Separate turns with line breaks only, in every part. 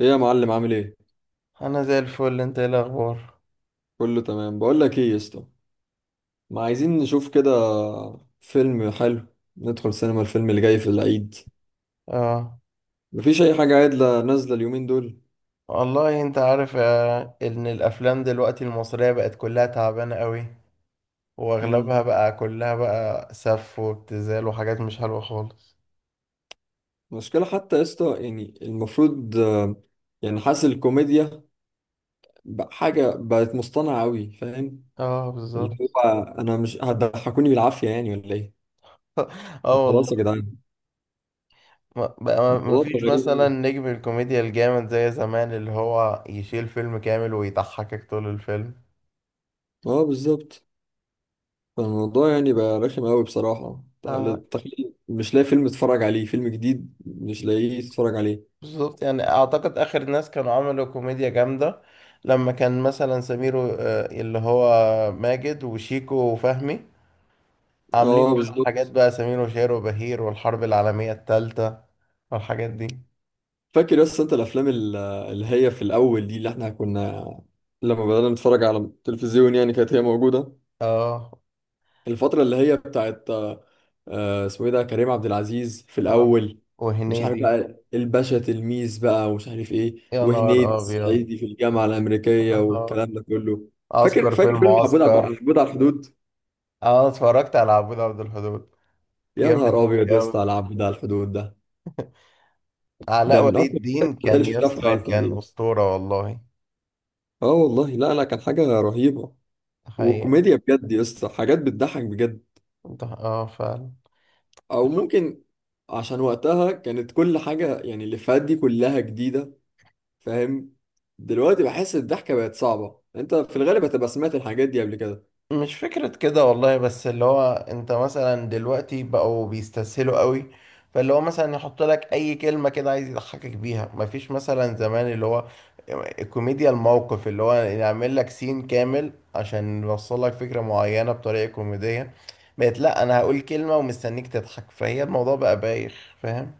ايه يا معلم؟ عامل ايه؟
انا زي الفل. انت ايه الاخبار؟
كله تمام. بقول لك ايه يا اسطى، ما عايزين نشوف كده فيلم حلو، ندخل سينما الفيلم اللي جاي في العيد.
اه
مفيش اي حاجه عادله نازله اليومين دول.
والله انت عارف، ان الافلام دلوقتي المصرية بقت كلها تعبانة قوي،
امم
واغلبها بقى كلها بقى سف وابتذال وحاجات مش حلوة خالص.
مشكله حتى يا اسطى، يعني المفروض يعني حاسس الكوميديا بقى حاجه بقت مصطنعه قوي، فاهم؟
اه
اللي
بالظبط.
هو انا مش هتضحكوني بالعافيه، يعني ولا ايه؟
اه
خلاص يا
والله.
جدعان،
بقى ما
الموضوع بقى
فيش
غريب
مثلا
أوي.
نجم الكوميديا الجامد زي زمان اللي هو يشيل فيلم كامل ويضحكك طول الفيلم.
اه بالظبط. فالموضوع يعني بقى رخم قوي بصراحة.
اه
تخيل مش لاقي فيلم تتفرج عليه، فيلم جديد مش لاقيه تتفرج عليه.
بالظبط. يعني اعتقد اخر ناس كانوا عملوا كوميديا جامدة لما كان مثلا سمير اللي هو ماجد وشيكو وفهمي، عاملين
اه
بقى الحاجات
بالظبط.
بقى سمير وشهير وبهير والحرب العالمية التالتة والحاجات دي.
فاكر؟ بس انت الافلام اللي هي في الاول دي، اللي احنا كنا لما بدأنا نتفرج على التلفزيون، يعني كانت هي موجودة.
اه.
الفترة اللي هي بتاعت اسمه ايه ده، كريم عبد العزيز في
اه
الاول، مش عارف،
وهنيدي.
بقى الباشا تلميذ بقى، ومش عارف ايه،
يا نهار
وهنيدي
ابيض.
الصعيدي في الجامعة الأمريكية
اه.
والكلام ده كله. فاكر
عسكر في
فاكر فيلم
المعسكر.
عبود على الحدود؟
اه اتفرجت على عبود عبد الحدود.
يا
جامد
نهار ابيض
أوي
يا اسطى
أوي.
على العب ده، على الحدود ده.
علاء
ده من
ولي
اكتر
الدين
الحاجات اللي
كان يا
شفتها في
اسطى
حياتي
كان
تقريبا.
اسطورة والله.
اه والله، لا لا، كان حاجه رهيبه،
حقيقة.
وكوميديا بجد يا اسطى، حاجات بتضحك بجد.
اه فعلا.
او ممكن، عشان وقتها كانت كل حاجه، يعني الافيهات دي كلها جديده، فاهم؟ دلوقتي بحس الضحكه بقت صعبه، انت في الغالب هتبقى سمعت الحاجات دي قبل كده.
مش فكرة كده والله، بس اللي هو انت مثلا دلوقتي بقوا بيستسهلوا قوي، فاللي هو مثلا يحط لك اي كلمة كده عايز يضحكك بيها. مفيش مثلا زمان اللي هو كوميديا الموقف اللي هو يعمل لك سين كامل عشان يوصل لك فكرة معينة بطريقة كوميدية. بقت لا، انا هقول كلمة ومستنيك تضحك، فهي الموضوع بقى بايخ، فاهم.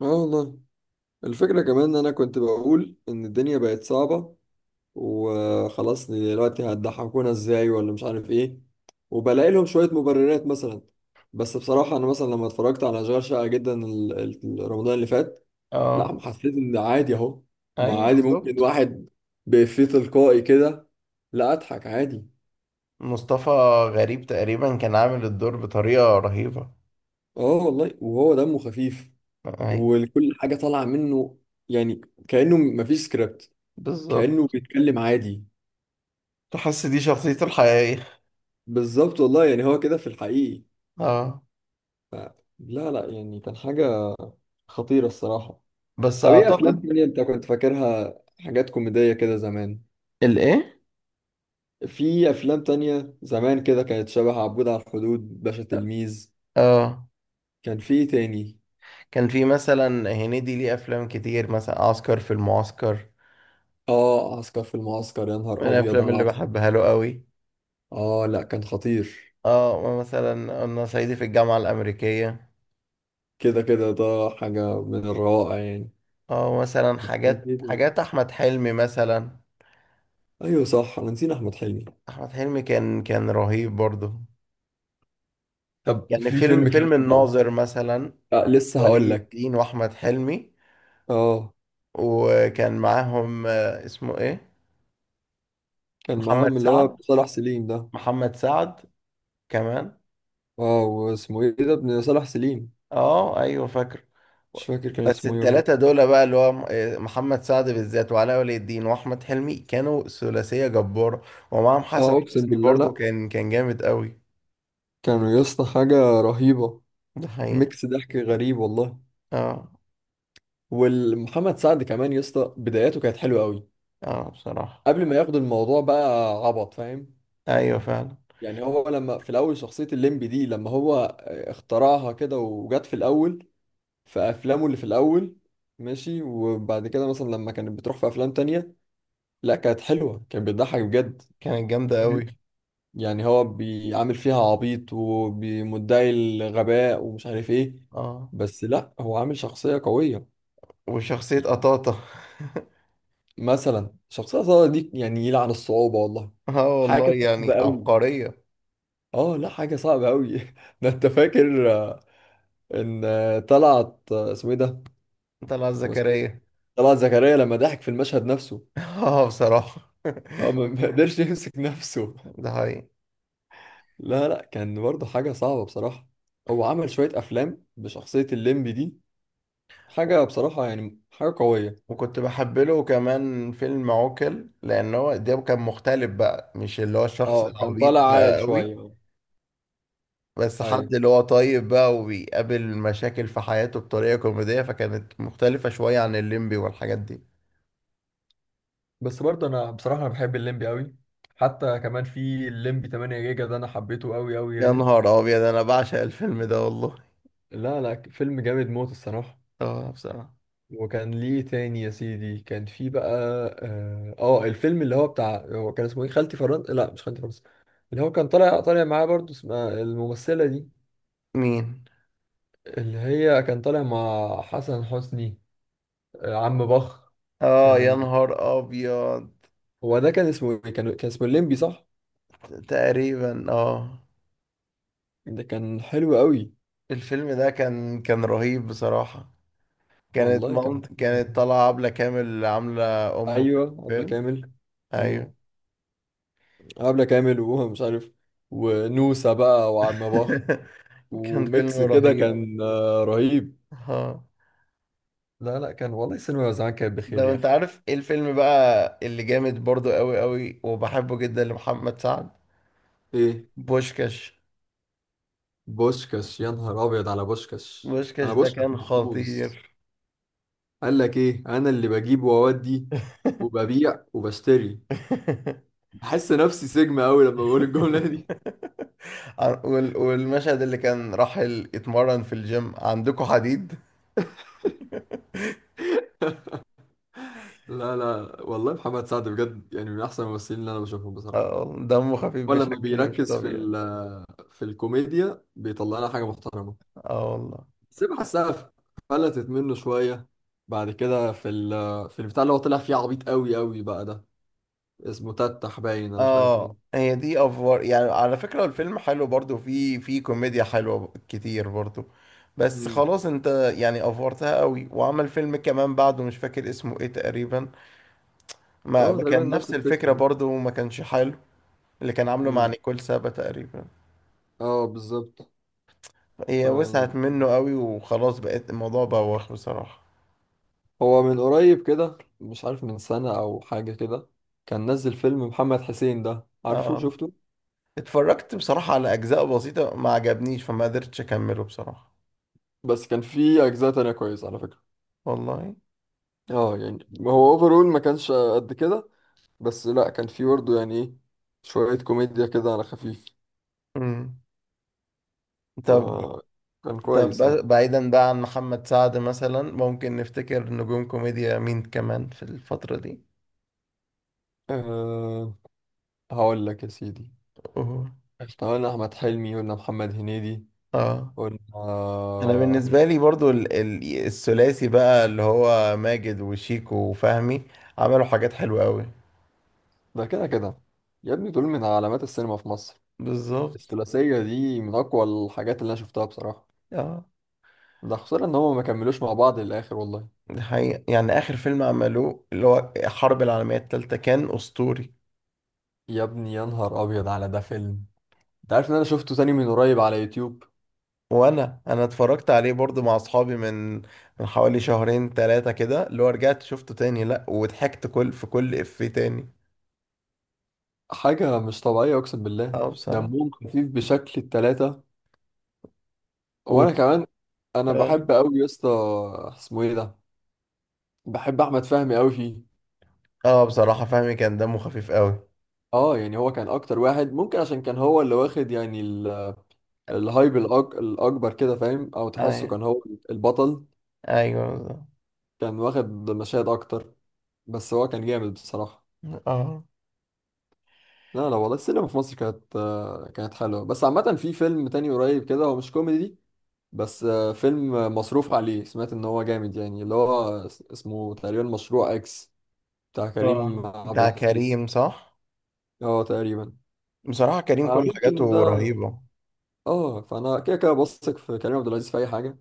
اه والله. الفكره كمان ان انا كنت بقول ان الدنيا بقت صعبه وخلاص، دلوقتي هتضحكونا ازاي؟ ولا مش عارف ايه، وبلاقي لهم شوية مبررات مثلا. بس بصراحة انا مثلا لما اتفرجت على اشغال شقة جدا رمضان اللي فات، لا،
اه.
حسيت ان عادي اهو. ما
ايوه
عادي، ممكن
بالظبط.
واحد بإفيه تلقائي كده، لا، اضحك عادي.
مصطفى غريب تقريبا كان عامل الدور بطريقة رهيبة.
اه والله، وهو دمه خفيف،
ايوه
وكل حاجة طالعة منه يعني، كأنه مفيش سكريبت، كأنه
بالظبط.
بيتكلم عادي.
تحس دي شخصيته الحقيقية.
بالظبط والله، يعني هو كده في الحقيقي.
اه.
لا لا، يعني كان حاجة خطيرة الصراحة.
بس
طب ايه افلام
اعتقد.
تانية انت كنت فاكرها حاجات كوميدية كده زمان؟
الايه؟
في افلام تانية زمان كده كانت شبه عبود على الحدود، باشا تلميذ؟
اه
كان في ايه تاني؟
كان في مثلا هنيدي ليه افلام كتير، مثلا عسكر في المعسكر
اه، عسكر في المعسكر، يا
من
نهار ابيض
الافلام
على
اللي
عسكر.
بحبها له قوي.
اه لا، كان خطير.
اه مثلا انا صعيدي في الجامعة الامريكية.
كده كده ده حاجة من الروائع يعني.
اه مثلا
بس كان في
حاجات
إيه تاني؟
حاجات احمد حلمي مثلا.
ايوه صح، انا نسينا احمد حلمي.
احمد حلمي كان رهيب برضه.
طب
يعني
في
فيلم
فيلم كمان
فيلم
بقى.
الناظر مثلا.
آه لسه هقول
ولي
لك.
الدين واحمد حلمي.
اه،
وكان معاهم، اسمه ايه؟
كان
محمد
معاهم اللي هو
سعد.
صلاح سليم ده.
محمد سعد كمان.
اه، واسمه ايه ده، ابن صلاح سليم؟
اه ايوه فاكر.
مش فاكر كان
بس
اسمه ايه
التلاتة
والله.
دول بقى اللي هو محمد سعد بالذات وعلاء ولي الدين واحمد حلمي كانوا ثلاثية جبارة. ومعاهم حسن
اه، اقسم
حسني
بالله، لا،
برضو، كان جامد قوي.
كانوا يا اسطى حاجه رهيبه.
ده حقيقة.
ميكس ضحك غريب والله.
اه.
والمحمد سعد كمان يا اسطى، بداياته كانت حلوه قوي
اه بصراحة.
قبل ما ياخد الموضوع بقى عبط، فاهم؟
ايوه فعلا.
يعني هو لما في الاول شخصيه الليمبي دي لما هو اخترعها كده وجت في الاول، في افلامه اللي في الاول، ماشي. وبعد كده مثلا لما كانت بتروح في افلام تانية، لا كانت حلوه، كانت بتضحك بجد.
كانت جامدة قوي.
يعني هو بيعامل فيها عبيط ومدعي الغباء ومش عارف ايه،
اه.
بس لا، هو عامل شخصية قوية.
وشخصية قطاطة.
مثلا شخصية صعبة دي، يعني يلعن الصعوبة والله،
اه والله
حاجة صعبة
يعني
قوي.
عبقرية.
اه لا، حاجة صعبة قوي. ده انت فاكر ان طلعت اسمه ايه ده؟
طلعت
هو اسمه ايه،
زكريا.
طلعت زكريا، لما ضحك في المشهد نفسه.
اه بصراحة.
اه ما ما قدرش يمسك نفسه.
ده حقيقي.
لا لا، كان برضه حاجة صعبة بصراحة. هو عمل شوية افلام بشخصية الليمبي دي، حاجة بصراحة يعني، حاجة قوية.
وكنت بحب له كمان فيلم عوكل، لان هو ده كان مختلف بقى، مش اللي هو الشخص
اه، كان
العبيط
طالع عاقل
بقى قوي،
شوية.
بس
ايوه،
حد اللي هو طيب بقى وبيقابل مشاكل في حياته بطريقة كوميدية، فكانت مختلفة شوية عن الليمبي والحاجات دي.
بس برضه انا بصراحة، انا بحب الليمبي قوي. حتى كمان في الليمبي 8 جيجا ده، انا حبيته قوي قوي
يا
يعني.
نهار ابيض، انا بعشق الفيلم ده والله.
لا لا، فيلم جامد موت الصراحة.
اه بصراحة.
وكان ليه تاني يا سيدي، كان في بقى، اه الفيلم اللي هو بتاع، هو كان اسمه ايه، خالتي فرنسا، لا مش خالتي فرنسا. اللي هو كان طالع معاه برضه، اسمها الممثلة دي،
مين؟
اللي هي كان طالع مع حسن حسني. عم بخ.
اه يا
كان
نهار ابيض.
هو ده، كان اسمه ايه، كان اسمه الليمبي صح؟
تقريبا اه.
ده كان حلو قوي.
الفيلم ده كان رهيب بصراحة. كانت
والله كان
مامت
حلو.
كانت طالعة عبلة كامل عاملة أم في
ايوه عبلة
الفيلم.
كامل. امم
ايوه.
عبلة كامل وهو مش عارف، ونوسة بقى وعم بخ،
كان فيلم
وميكس كده
رهيب.
كان رهيب.
ها.
لا لا، كان والله السينما زمان كانت بخير
ده
يا
انت
اخي.
عارف ايه الفيلم بقى اللي جامد برضو قوي قوي وبحبه جدا لمحمد سعد؟
ايه؟
بوشكاش.
بوشكاش. يا نهار ابيض على بوشكاش،
بوشكاش
انا
ده
بوشكاش
كان
محفوظ.
خطير.
قال لك ايه، انا اللي بجيب واودي وببيع وبشتري. بحس نفسي سجن قوي لما بقول الجمله دي.
والمشهد اللي كان راح يتمرن في الجيم، عندكم حديد.
لا لا والله، محمد سعد بجد يعني من احسن الممثلين اللي انا بشوفهم بصراحه.
اه والله، دمه خفيف
ولما
بشكل مش
بيركز في ال،
طبيعي.
في الكوميديا، بيطلع لنا حاجه محترمه.
اه والله.
بس أنا بحسها فلتت منه شويه بعد كده في ال، في البتاع اللي هو طلع فيه عبيط قوي قوي بقى ده، اسمه تتح، باين انا مش عارف
اه
ايه.
هي دي افوار، يعني على فكرة الفيلم حلو برضو، في في كوميديا حلوة كتير برضو، بس
امم
خلاص، انت يعني افورتها قوي. وعمل فيلم كمان بعده مش فاكر اسمه ايه تقريبا، ما
اه
ما
تقريبا
كان
نفس
نفس
الفكره
الفكرة
يعني.
برضو، وما كانش حلو، اللي كان عامله مع
امم
نيكول سابا تقريبا.
اه بالظبط.
هي وسعت
يعني
منه قوي، وخلاص بقت الموضوع بوخ بصراحة.
هو من قريب كده، مش عارف من سنه او حاجه كده، كان نزل فيلم محمد حسين ده، عارفه؟
اه
شفته؟
اتفرجت بصراحة على اجزاء بسيطة ما عجبنيش، فما قدرتش اكمله بصراحة.
بس كان في اجزاء تانية كويسة على فكرة.
والله.
اه يعني هو اوفرول ما كانش قد كده، بس لا، كان في برضه يعني ايه، شوية كوميديا كده على خفيف،
امم.
ف
طب.
كان
طب
كويس يعني.
بعيدا بقى عن محمد سعد، مثلا ممكن نفتكر نجوم كوميديا مين كمان في الفترة دي؟
أه هقول لك يا سيدي.
أوه.
احنا قلنا احمد حلمي، قلنا محمد هنيدي،
اه
قلنا،
انا بالنسبة لي برضو الثلاثي بقى اللي هو ماجد وشيكو وفهمي، عملوا حاجات حلوة قوي.
ده كده كده يا ابني، دول من علامات السينما في مصر.
بالظبط.
الثلاثية دي من أقوى الحاجات اللي أنا شفتها بصراحة.
اه.
ده خسارة إن هما ما كملوش مع بعض للآخر والله.
دي حقيقة، يعني آخر فيلم عملوه اللي هو الحرب العالمية التالتة كان أسطوري.
يا ابني يا نهار أبيض على ده، فيلم! انت عارف ان انا شفته تاني من قريب على يوتيوب؟
وأنا اتفرجت عليه برضو مع أصحابي من حوالي شهرين تلاتة كده، اللي هو رجعت شفته تاني، لأ، وضحكت كل في كل إفيه تاني.
حاجة مش طبيعية، اقسم بالله.
اه بصراحة.
دمهم خفيف بشكل، التلاتة.
و...
وانا كمان انا
اه.
بحب قوي يا اسطى، اسمه ايه ده، بحب احمد فهمي قوي فيه.
اه بصراحة فهمي كان دمه خفيف قوي.
اه يعني هو كان اكتر واحد ممكن، عشان كان هو اللي واخد يعني الهايب الاكبر كده، فاهم؟ او تحسه
ايوه.
كان هو البطل،
ايوه بالظبط.
كان واخد مشاهد اكتر، بس هو كان جامد بصراحة.
اه.
لا لا والله، السينما في مصر كانت كانت حلوة. بس عامة، في فيلم تاني قريب كده، هو مش كوميدي بس، فيلم مصروف عليه، سمعت ان هو جامد يعني، اللي هو اسمه تقريبا مشروع اكس، بتاع كريم
اه
عبد
بتاع
العزيز.
كريم، صح.
اه تقريبا.
بصراحة كريم كل
فممكن
حاجاته
ده،
رهيبة.
اه، فانا كده كده بثق في كريم عبد العزيز في اي حاجه،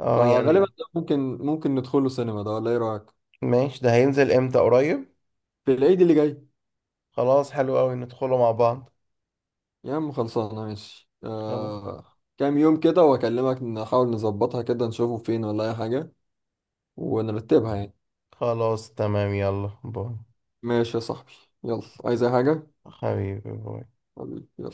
اه
فغالبا
يعني.
ده ممكن ندخله سينما ده، ولا ايه رايك؟
ماشي، ده هينزل امتى؟ قريب.
في العيد اللي جاي.
خلاص حلو قوي، ندخله مع بعض.
يا عم خلصانه، ماشي،
خلاص.
آه كام يوم كده واكلمك، نحاول نظبطها كده، نشوفه فين ولا اي حاجه، ونرتبها يعني.
خلاص تمام، يلا باي.
ماشي يا صاحبي، يلا. عايز اي حاجه؟
حبيبي باي.
حبيبي، يلا.